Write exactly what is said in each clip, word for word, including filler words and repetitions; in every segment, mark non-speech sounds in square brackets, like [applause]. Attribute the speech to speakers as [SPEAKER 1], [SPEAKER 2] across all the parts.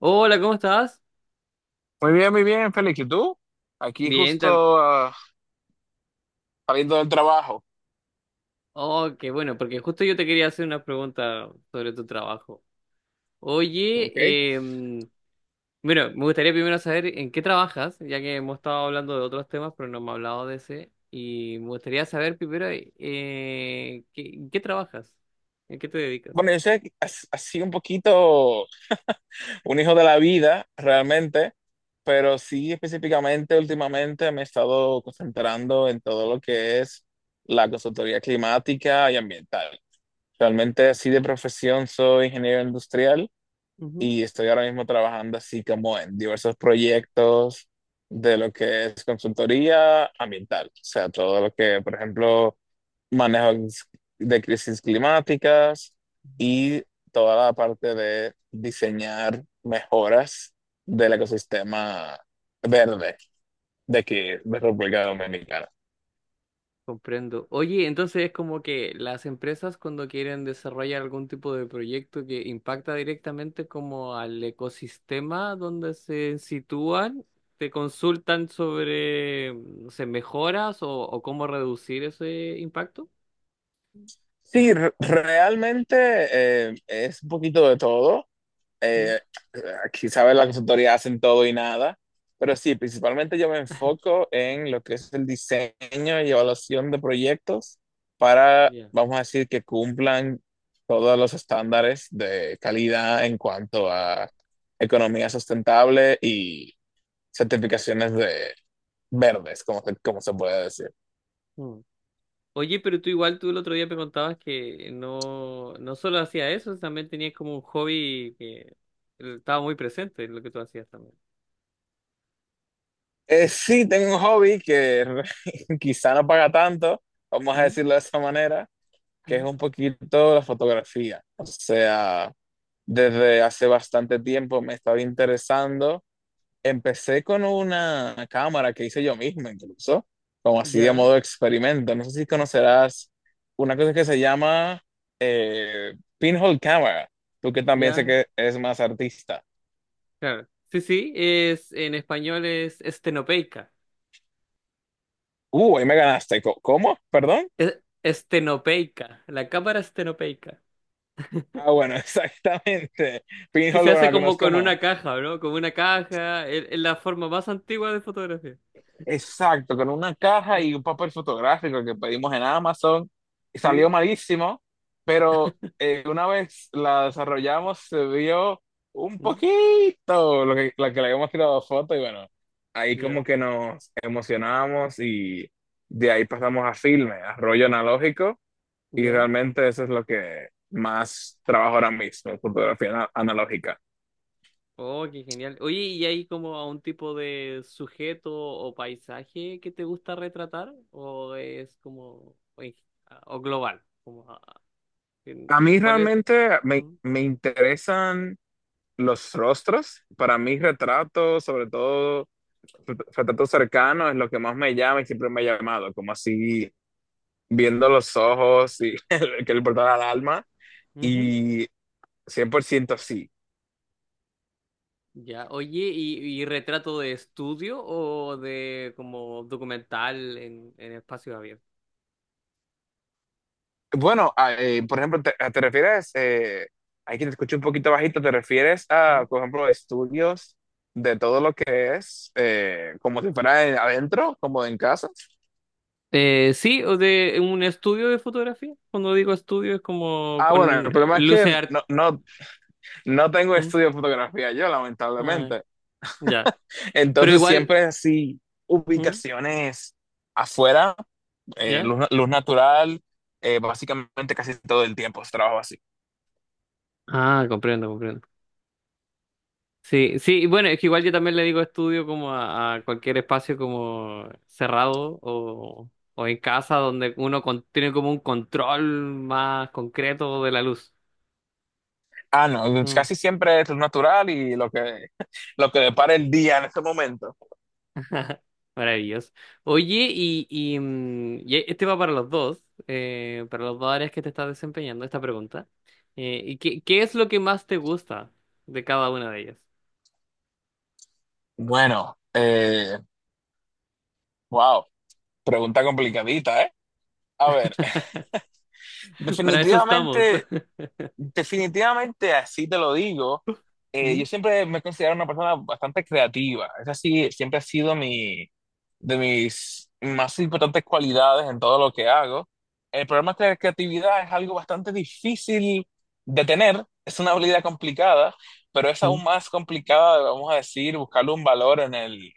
[SPEAKER 1] Hola, ¿cómo estás?
[SPEAKER 2] Muy bien, muy bien, Félix. ¿Y tú? Aquí
[SPEAKER 1] Bien, tam-
[SPEAKER 2] justo ah, saliendo del trabajo.
[SPEAKER 1] Oh, qué bueno, porque justo yo te quería hacer una pregunta sobre tu trabajo.
[SPEAKER 2] Ok.
[SPEAKER 1] Oye, em, bueno, me gustaría primero saber en qué trabajas, ya que hemos estado hablando de otros temas, pero no me has hablado de ese. Y me gustaría saber primero eh, ¿qué- en qué trabajas, en qué te dedicas.
[SPEAKER 2] Bueno, yo soy as- así un poquito [laughs] un hijo de la vida, realmente, pero sí específicamente últimamente me he estado concentrando en todo lo que es la consultoría climática y ambiental. Realmente así de profesión soy ingeniero industrial y estoy ahora mismo trabajando así como en diversos proyectos de lo que es consultoría ambiental, o sea, todo lo que, por ejemplo, manejo de crisis climáticas y toda la parte de diseñar mejoras del ecosistema verde de aquí, de República Dominicana.
[SPEAKER 1] Comprendo. Oye, entonces es como que las empresas cuando quieren desarrollar algún tipo de proyecto que impacta directamente como al ecosistema donde se sitúan, te consultan sobre, no sé, mejoras o, o cómo reducir ese impacto.
[SPEAKER 2] Sí, re- realmente eh, es un poquito de todo.
[SPEAKER 1] Mm.
[SPEAKER 2] eh, Aquí sabes las consultorías hacen todo y nada, pero sí, principalmente yo me enfoco en lo que es el diseño y evaluación de proyectos para,
[SPEAKER 1] Ya.
[SPEAKER 2] vamos a decir, que cumplan todos los estándares de calidad en cuanto a economía sustentable y certificaciones de verdes, como, se- como se puede decir.
[SPEAKER 1] Mm. Oye, pero tú igual, tú el otro día me contabas que no, no solo hacías eso, también tenías como un hobby que estaba muy presente en lo que tú hacías también.
[SPEAKER 2] Eh, sí, tengo un hobby que [laughs] quizá no paga tanto, vamos a
[SPEAKER 1] Mm.
[SPEAKER 2] decirlo de esa manera, que es
[SPEAKER 1] Mm.
[SPEAKER 2] un poquito la fotografía. O sea, desde hace bastante tiempo me estaba interesando. Empecé con una cámara que hice yo mismo, incluso, como así de
[SPEAKER 1] Ya.
[SPEAKER 2] modo experimento. No sé si
[SPEAKER 1] Mm.
[SPEAKER 2] conocerás una cosa que se llama eh, pinhole camera, tú que también sé
[SPEAKER 1] Ya.
[SPEAKER 2] que es más artista.
[SPEAKER 1] Claro. Sí, sí, es en español es estenopeica.
[SPEAKER 2] Uh, ahí me ganaste. Co- ¿Cómo? ¿Perdón?
[SPEAKER 1] Es- Estenopeica, la cámara estenopeica.
[SPEAKER 2] Ah, bueno, [laughs] exactamente.
[SPEAKER 1] Que se
[SPEAKER 2] Pinhole, bueno,
[SPEAKER 1] hace
[SPEAKER 2] la
[SPEAKER 1] como
[SPEAKER 2] conozco
[SPEAKER 1] con
[SPEAKER 2] más.
[SPEAKER 1] una caja, ¿no? Como una caja, es es la forma más antigua de fotografía.
[SPEAKER 2] Exacto, con una caja y un papel fotográfico que pedimos en Amazon. Y
[SPEAKER 1] Sí.
[SPEAKER 2] salió malísimo, pero eh, una vez la desarrollamos se vio un
[SPEAKER 1] Mm.
[SPEAKER 2] poquito lo que, la que le habíamos tirado foto y bueno, ahí
[SPEAKER 1] Ya.
[SPEAKER 2] como que nos emocionamos y de ahí pasamos a filme, a rollo analógico y
[SPEAKER 1] Ya.
[SPEAKER 2] realmente eso es lo que más trabajo ahora mismo, fotografía ana- analógica.
[SPEAKER 1] Oh, qué genial. Oye, ¿y hay como a un tipo de sujeto o paisaje que te gusta retratar? ¿O es como, o en- o global? Como, ah, en-
[SPEAKER 2] A mí
[SPEAKER 1] ¿cuál es?
[SPEAKER 2] realmente me, me interesan los rostros. Para mí, retratos, sobre todo ret- retratos cercanos, es lo que más me llama y siempre me ha llamado, como así viendo los ojos y [laughs] el que le importaba al alma.
[SPEAKER 1] Mm.
[SPEAKER 2] Y cien por ciento sí.
[SPEAKER 1] Ya, oye, ¿y, y retrato de estudio o de como documental en, en espacio abierto?
[SPEAKER 2] Bueno, a- eh, por ejemplo, te, te refieres, eh, hay que te escucho un poquito bajito, ¿te refieres
[SPEAKER 1] Mm.
[SPEAKER 2] a, por ejemplo, estudios de todo lo que es, eh, como si fuera en- adentro, como en casa?
[SPEAKER 1] Eh, sí, o de un estudio de fotografía. Cuando digo estudio es como
[SPEAKER 2] Ah, bueno, el
[SPEAKER 1] con eh,
[SPEAKER 2] problema es que
[SPEAKER 1] luces art.
[SPEAKER 2] no, no, no tengo
[SPEAKER 1] ¿Mm?
[SPEAKER 2] estudio de fotografía yo,
[SPEAKER 1] Ah,
[SPEAKER 2] lamentablemente.
[SPEAKER 1] ya. Pero
[SPEAKER 2] Entonces
[SPEAKER 1] igual,
[SPEAKER 2] siempre así,
[SPEAKER 1] ¿Mm?
[SPEAKER 2] ubicaciones afuera, eh,
[SPEAKER 1] ¿Ya?
[SPEAKER 2] luz, luz natural, eh, básicamente casi todo el tiempo es trabajo así.
[SPEAKER 1] Ah, comprendo, comprendo. Sí, sí, y bueno, es que igual yo también le digo estudio como a, a cualquier espacio como cerrado o, o en casa donde uno con- tiene como un control más concreto de la luz.
[SPEAKER 2] Ah, no,
[SPEAKER 1] Mm.
[SPEAKER 2] casi siempre es luz natural y lo que, [laughs] lo que depara el día en este momento.
[SPEAKER 1] [laughs] Ajá. Maravilloso. Oye, y, y, mm, y e, este va para los dos, eh, para los dos áreas que te estás desempeñando, esta pregunta. Eh, ¿y qué, qué es lo que más te gusta de cada una de ellas?
[SPEAKER 2] Bueno, eh, wow, pregunta complicadita, ¿eh? A ver, [laughs]
[SPEAKER 1] [laughs] Para eso estamos.
[SPEAKER 2] definitivamente
[SPEAKER 1] [laughs]
[SPEAKER 2] Definitivamente, así te lo digo. Eh, yo
[SPEAKER 1] Mm.
[SPEAKER 2] siempre me he considerado una persona bastante creativa. Esa sí, siempre ha sido mi, de mis más importantes cualidades en todo lo que hago. El problema es que la creatividad es algo bastante difícil de tener. Es una habilidad complicada, pero es
[SPEAKER 1] Mm.
[SPEAKER 2] aún más complicada, vamos a decir, buscarle un valor en el,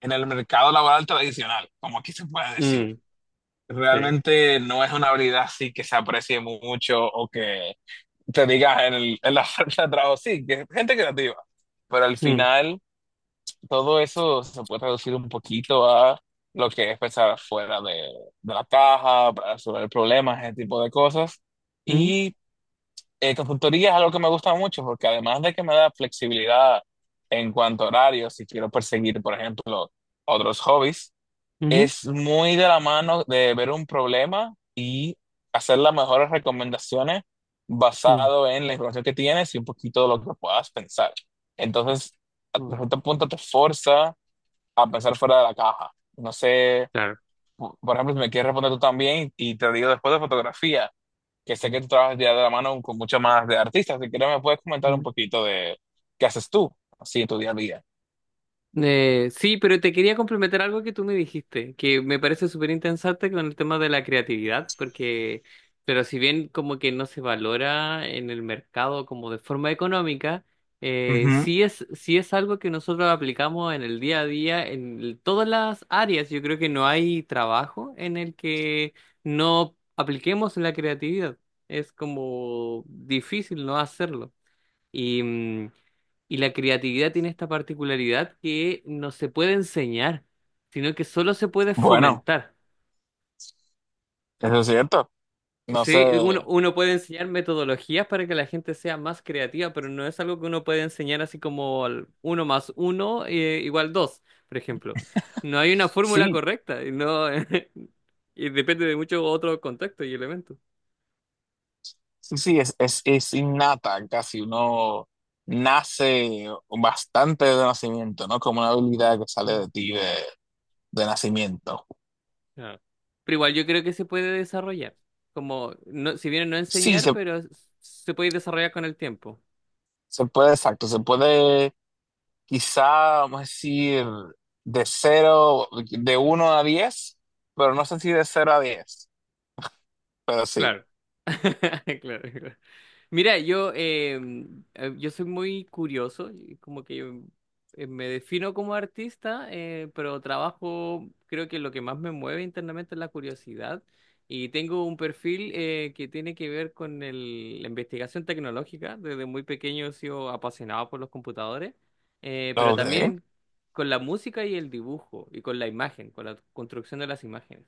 [SPEAKER 2] en el mercado laboral tradicional, como aquí se puede decir.
[SPEAKER 1] Mm. Sí.
[SPEAKER 2] Realmente no es una habilidad así que se aprecie mu- mucho o que te diga en, el- en la [laughs] fuerza de trabajo. Sí, que gente creativa. Pero al
[SPEAKER 1] Mm.
[SPEAKER 2] final, todo eso se puede reducir un poquito a lo que es pensar fuera de, de la caja, para resolver problemas, ese tipo de cosas.
[SPEAKER 1] Mm.
[SPEAKER 2] Y eh, consultoría es algo que me gusta mucho porque además de que me da flexibilidad en cuanto a horarios, si quiero perseguir, por ejemplo, otros hobbies
[SPEAKER 1] Ujú.
[SPEAKER 2] es muy de la mano de ver un problema y hacer las mejores recomendaciones
[SPEAKER 1] Mm.
[SPEAKER 2] basado en la información que tienes y un poquito de lo que puedas pensar. Entonces, hasta
[SPEAKER 1] Mm.
[SPEAKER 2] cierto punto te forza a pensar fuera de la caja. No sé,
[SPEAKER 1] Claro.
[SPEAKER 2] por por ejemplo, si me quieres responder tú también y te digo después de fotografía, que sé que tú trabajas ya de la mano con muchas más de artistas, si quieres me puedes comentar un poquito de qué haces tú así en tu día a día.
[SPEAKER 1] Eh, sí, pero te quería complementar algo que tú me dijiste, que me parece súper interesante con el tema de la creatividad, porque, pero si bien como que no se valora en el mercado como de forma económica, eh,
[SPEAKER 2] Ujú.
[SPEAKER 1] sí es, sí es algo que nosotros aplicamos en el día a día, en el- todas las áreas. Yo creo que no hay trabajo en el que no apliquemos la creatividad. Es como difícil no hacerlo. Y, mm, y la creatividad tiene esta particularidad que no se puede enseñar, sino que solo se puede
[SPEAKER 2] Bueno,
[SPEAKER 1] fomentar.
[SPEAKER 2] eso es cierto. No sé.
[SPEAKER 1] Sí, uno, uno puede enseñar metodologías para que la gente sea más creativa, pero no es algo que uno puede enseñar así como al uno más uno eh, igual dos, por ejemplo. No hay una fórmula
[SPEAKER 2] Sí,
[SPEAKER 1] correcta, y no, [laughs] y depende de muchos otros contextos y elementos.
[SPEAKER 2] sí, sí, es, es, es innata, casi uno nace bastante de nacimiento, ¿no? Como una habilidad que sale de ti de, de nacimiento.
[SPEAKER 1] Ah. Pero igual yo creo que se puede desarrollar. Como, no, si bien no
[SPEAKER 2] Sí,
[SPEAKER 1] enseñar,
[SPEAKER 2] se,
[SPEAKER 1] pero s- se puede desarrollar con el tiempo.
[SPEAKER 2] se puede, exacto, se puede quizá, vamos a decir, de cero, de uno a diez, pero no sé si de cero a diez, pero sí.
[SPEAKER 1] Claro. [laughs] Claro, claro. Mira, yo, em, eh, yo soy muy curioso, y como que yo, eh, me defino como artista, eh, pero trabajo, creo que lo que más me mueve internamente es la curiosidad. Y tengo un perfil eh, que tiene que ver con el- la investigación tecnológica. Desde muy pequeño he sido apasionado por los computadores, eh, pero
[SPEAKER 2] Ok,
[SPEAKER 1] también con la música y el dibujo, y con la imagen, con la construcción de las imágenes.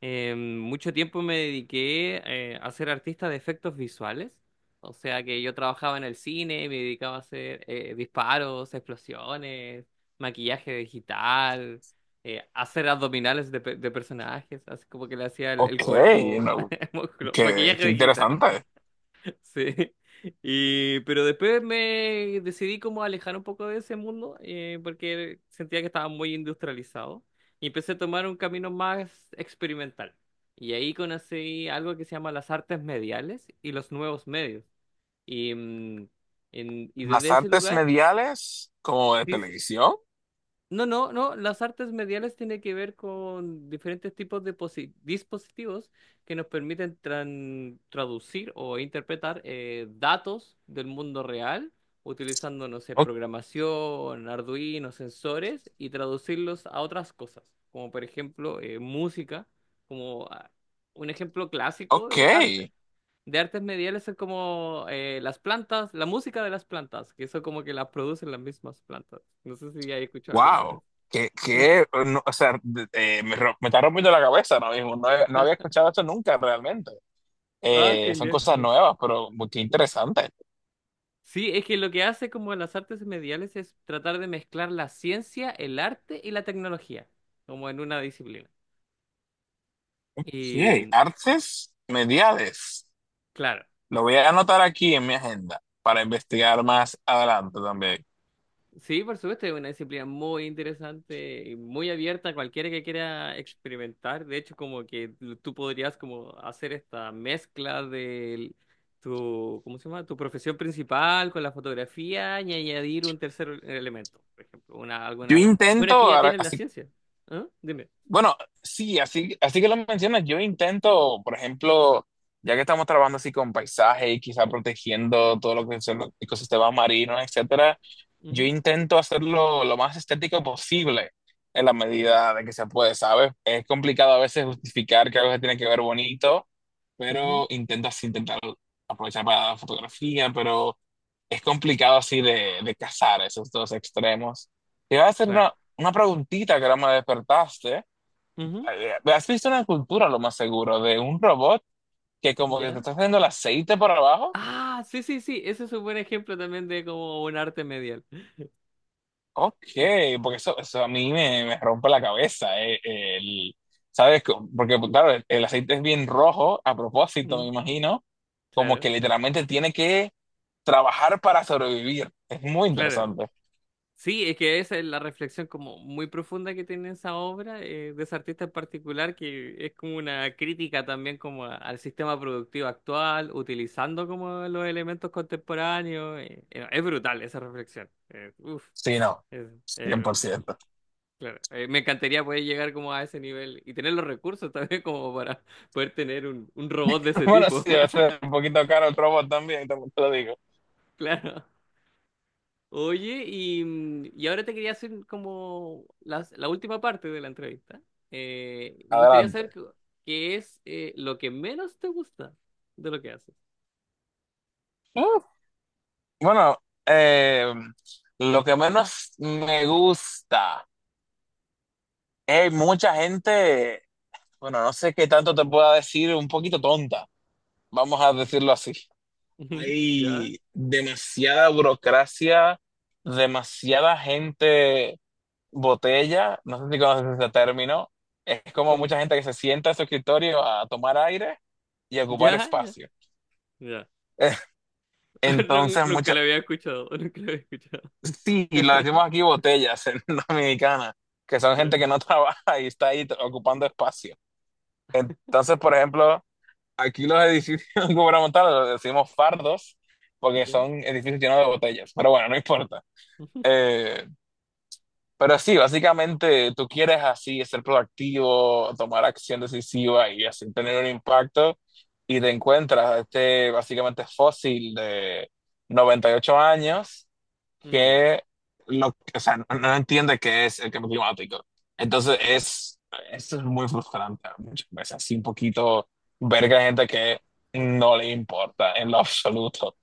[SPEAKER 1] Eh, mucho tiempo me dediqué eh, a ser artista de efectos visuales, o sea que yo trabajaba en el cine, me dedicaba a hacer eh, disparos, explosiones, maquillaje digital, eh, hacer abdominales de, pe- de personajes, así como que le hacía el, el
[SPEAKER 2] ok,
[SPEAKER 1] cuerpo,
[SPEAKER 2] no,
[SPEAKER 1] [laughs] musculo-
[SPEAKER 2] qué,
[SPEAKER 1] maquillaje
[SPEAKER 2] qué
[SPEAKER 1] digital.
[SPEAKER 2] interesante.
[SPEAKER 1] Sí. [laughs] Y, pero después me decidí como alejar un poco de ese mundo eh, porque sentía que estaba muy industrializado y empecé a tomar un camino más experimental. Y ahí conocí algo que se llama las artes mediales y los nuevos medios. Y, mm, en- y desde
[SPEAKER 2] Las
[SPEAKER 1] ese
[SPEAKER 2] artes
[SPEAKER 1] lugar
[SPEAKER 2] mediales como de
[SPEAKER 1] sí,
[SPEAKER 2] televisión.
[SPEAKER 1] no, no, no, las artes mediales tienen que ver con diferentes tipos de posi- dispositivos que nos permiten tran- traducir o interpretar eh, datos del mundo real utilizando, no sé,
[SPEAKER 2] O-
[SPEAKER 1] programación, Arduino, sensores y traducirlos a otras cosas, como por ejemplo eh, música, como ah, un ejemplo clásico
[SPEAKER 2] ok.
[SPEAKER 1] de arte. De artes mediales son como eh, las plantas, la música de las plantas, que eso como que las producen las mismas plantas. No sé si ya he escuchado alguna
[SPEAKER 2] Wow,
[SPEAKER 1] vez.
[SPEAKER 2] que, que, no, o sea, de- eh, me, ro- me está rompiendo la cabeza ahora mismo. No, he- no había
[SPEAKER 1] [laughs]
[SPEAKER 2] escuchado esto nunca realmente.
[SPEAKER 1] Ah,
[SPEAKER 2] Eh, son
[SPEAKER 1] genial,
[SPEAKER 2] cosas
[SPEAKER 1] genial.
[SPEAKER 2] nuevas, pero muy- qué interesante.
[SPEAKER 1] Sí, es que lo que hace como las artes mediales es tratar de mezclar la ciencia, el arte y la tecnología, como en una disciplina. Y
[SPEAKER 2] Sí,
[SPEAKER 1] mm,
[SPEAKER 2] artes mediales.
[SPEAKER 1] claro,
[SPEAKER 2] Lo voy a anotar aquí en mi agenda para investigar más adelante también.
[SPEAKER 1] sí, por supuesto, es una disciplina muy interesante y muy abierta a cualquiera que quiera experimentar. De hecho, como que l- tú podrías como hacer esta mezcla de tu, ¿cómo se llama? Tu profesión principal con la fotografía y añadir un tercer elemento, por ejemplo, una,
[SPEAKER 2] Yo
[SPEAKER 1] alguna... Bueno,
[SPEAKER 2] intento,
[SPEAKER 1] es que ya
[SPEAKER 2] ahora,
[SPEAKER 1] tienes la
[SPEAKER 2] así.
[SPEAKER 1] ciencia. ¿Ah? Dime.
[SPEAKER 2] Bueno, sí, así, así que lo mencionas, yo intento, por ejemplo, ya que estamos trabajando así con paisaje y quizá protegiendo todo lo que son los ecosistemas marinos, etcétera, yo
[SPEAKER 1] Ujú,
[SPEAKER 2] intento hacerlo lo más estético posible en la
[SPEAKER 1] ya,
[SPEAKER 2] medida de que se puede, ¿sabes? Es complicado a veces justificar que algo se tiene que ver bonito,
[SPEAKER 1] ujú.
[SPEAKER 2] pero intento así, intentar aprovechar para la fotografía, pero es complicado así de, de cazar esos dos extremos. Te iba a hacer
[SPEAKER 1] Claro.
[SPEAKER 2] una, una preguntita que ahora me despertaste.
[SPEAKER 1] Ujú.
[SPEAKER 2] Eh, ¿Has visto una cultura, lo más seguro, de un robot que como que te
[SPEAKER 1] ¿Ya?
[SPEAKER 2] está haciendo el aceite por abajo?
[SPEAKER 1] Ah, sí, sí, sí. Ese es un buen ejemplo también de como un arte medial.
[SPEAKER 2] Ok,
[SPEAKER 1] Y-
[SPEAKER 2] porque eso, eso a mí me, me rompe la cabeza. eh, el- ¿Sabes? Co- Porque, pues, claro, el, el aceite es bien rojo, a propósito, me
[SPEAKER 1] mm,
[SPEAKER 2] imagino, como
[SPEAKER 1] claro,
[SPEAKER 2] que literalmente tiene que trabajar para sobrevivir. Es muy
[SPEAKER 1] claro.
[SPEAKER 2] interesante.
[SPEAKER 1] Sí, es que esa es la reflexión como muy profunda que tiene esa obra eh, de ese artista en particular, que es como una crítica también como a- al sistema productivo actual, utilizando como los elementos contemporáneos. Eh, eh, es brutal esa reflexión. eh, uf,
[SPEAKER 2] Sí, no,
[SPEAKER 1] es,
[SPEAKER 2] cien
[SPEAKER 1] eh,
[SPEAKER 2] por ciento.
[SPEAKER 1] Claro, eh, me encantaría poder llegar como a ese nivel y tener los recursos [laughs] también como para poder tener un, un robot de
[SPEAKER 2] [laughs]
[SPEAKER 1] ese
[SPEAKER 2] Bueno,
[SPEAKER 1] tipo.
[SPEAKER 2] sí, debe ser
[SPEAKER 1] [laughs]
[SPEAKER 2] un poquito caro el robot también, te te lo digo.
[SPEAKER 1] Claro. Oye, y, mm, y ahora te quería hacer como las- la última parte de la entrevista. Eh, me gustaría saber
[SPEAKER 2] Adelante.
[SPEAKER 1] qué qué es eh, lo que menos te gusta de lo que haces.
[SPEAKER 2] Bueno, eh, lo que menos me gusta es mucha gente, bueno, no sé qué tanto te pueda decir, un poquito tonta, vamos a decirlo así.
[SPEAKER 1] [laughs] ¿Ya?
[SPEAKER 2] Hay demasiada burocracia, demasiada gente botella, no sé si conoces ese término, es como
[SPEAKER 1] ¿Cómo?
[SPEAKER 2] mucha gente que se sienta en su escritorio a tomar aire y a ocupar
[SPEAKER 1] ¿Ya? ¿Ya?
[SPEAKER 2] espacio.
[SPEAKER 1] ¿Ya?
[SPEAKER 2] [laughs]
[SPEAKER 1] [laughs] Nun-
[SPEAKER 2] Entonces,
[SPEAKER 1] Nunca
[SPEAKER 2] mucha-
[SPEAKER 1] lo había escuchado, [laughs] nunca lo había escuchado.
[SPEAKER 2] Sí, y lo decimos aquí
[SPEAKER 1] [laughs]
[SPEAKER 2] botellas en [laughs] Dominicana, que son
[SPEAKER 1] ¿Ya?
[SPEAKER 2] gente que no [laughs] trabaja y está ahí ocupando espacio. Entonces, por ejemplo, aquí los edificios [laughs] gubernamentales los decimos fardos porque
[SPEAKER 1] ¿Ya?
[SPEAKER 2] son edificios llenos de botellas, pero bueno, no importa.
[SPEAKER 1] [laughs]
[SPEAKER 2] Eh, pero sí, básicamente tú quieres así ser proactivo, tomar acción decisiva y así tener un impacto y te encuentras a este básicamente fósil de noventa y ocho años
[SPEAKER 1] Mm.
[SPEAKER 2] que lo, o sea, no, no entiende qué es el cambio climático. Entonces es, eso es muy frustrante muchas veces, así un poquito ver que hay gente que no le importa en lo [laughs] absoluto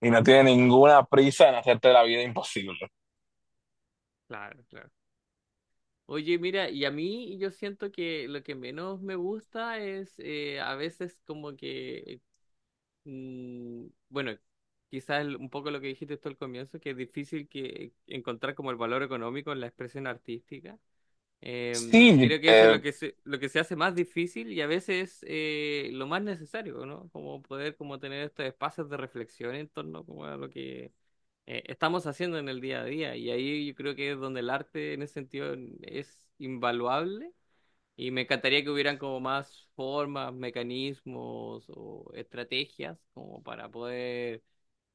[SPEAKER 2] y no
[SPEAKER 1] Mm.
[SPEAKER 2] tiene ninguna prisa en hacerte la vida imposible.
[SPEAKER 1] Claro, claro. Oye, mira, y a mí yo siento que lo que menos me gusta es eh, a veces como que, mm, bueno, quizás el- un poco lo que dijiste tú al comienzo, que es difícil que encontrar como el valor económico en la expresión artística. Em,
[SPEAKER 2] Sí,
[SPEAKER 1] creo que eso es
[SPEAKER 2] eh,
[SPEAKER 1] lo que se, lo que se hace más difícil y a veces eh, lo más necesario, ¿no? Como poder como tener estos espacios de reflexión en torno como a lo que eh, estamos haciendo en el día a día. Y ahí yo creo que es donde el arte en ese sentido es invaluable. Y me encantaría que hubieran como más formas, mecanismos o estrategias como para poder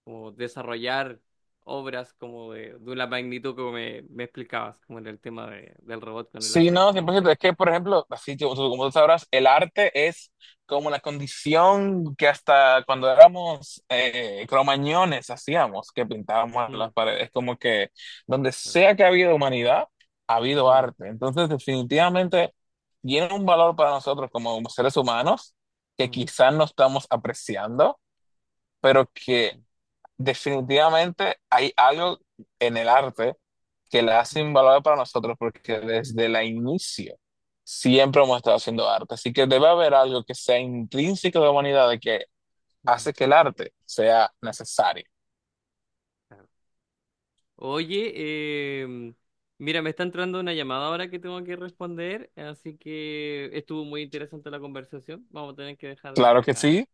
[SPEAKER 1] como desarrollar obras como de, de una magnitud como me, me explicabas, como en el tema de, del robot con el
[SPEAKER 2] Sí, no,
[SPEAKER 1] aceite, por
[SPEAKER 2] cien por ciento.
[SPEAKER 1] ejemplo.
[SPEAKER 2] Es que, por ejemplo, así tú- tú- como tú sabrás, el arte es como una condición que hasta cuando éramos eh, cromañones hacíamos, que pintábamos
[SPEAKER 1] Mm.
[SPEAKER 2] las paredes. Como que donde sea que ha habido humanidad, ha habido
[SPEAKER 1] Mm.
[SPEAKER 2] arte. Entonces, definitivamente, tiene un valor para nosotros como seres humanos que
[SPEAKER 1] Mm.
[SPEAKER 2] quizás no estamos apreciando, pero que definitivamente hay algo en el arte que la hace
[SPEAKER 1] Mm.
[SPEAKER 2] invaluable para nosotros porque desde la inicio siempre hemos estado haciendo arte. Así que debe haber algo que sea intrínseco de la humanidad de que
[SPEAKER 1] Mm.
[SPEAKER 2] hace que el arte sea necesario.
[SPEAKER 1] Claro. Oye, em, mira, me está entrando una llamada ahora que tengo que responder, así que estuvo muy interesante la conversación. Vamos a tener que dejarla hasta
[SPEAKER 2] Claro que
[SPEAKER 1] acá,
[SPEAKER 2] sí,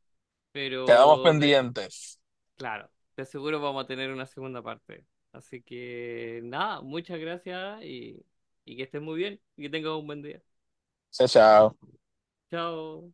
[SPEAKER 2] quedamos
[SPEAKER 1] pero de-
[SPEAKER 2] pendientes.
[SPEAKER 1] claro, de seguro vamos a tener una segunda parte. Así que nada, muchas gracias y, y que estés muy bien y que tengas un buen día.
[SPEAKER 2] Chao, chao.
[SPEAKER 1] Chao.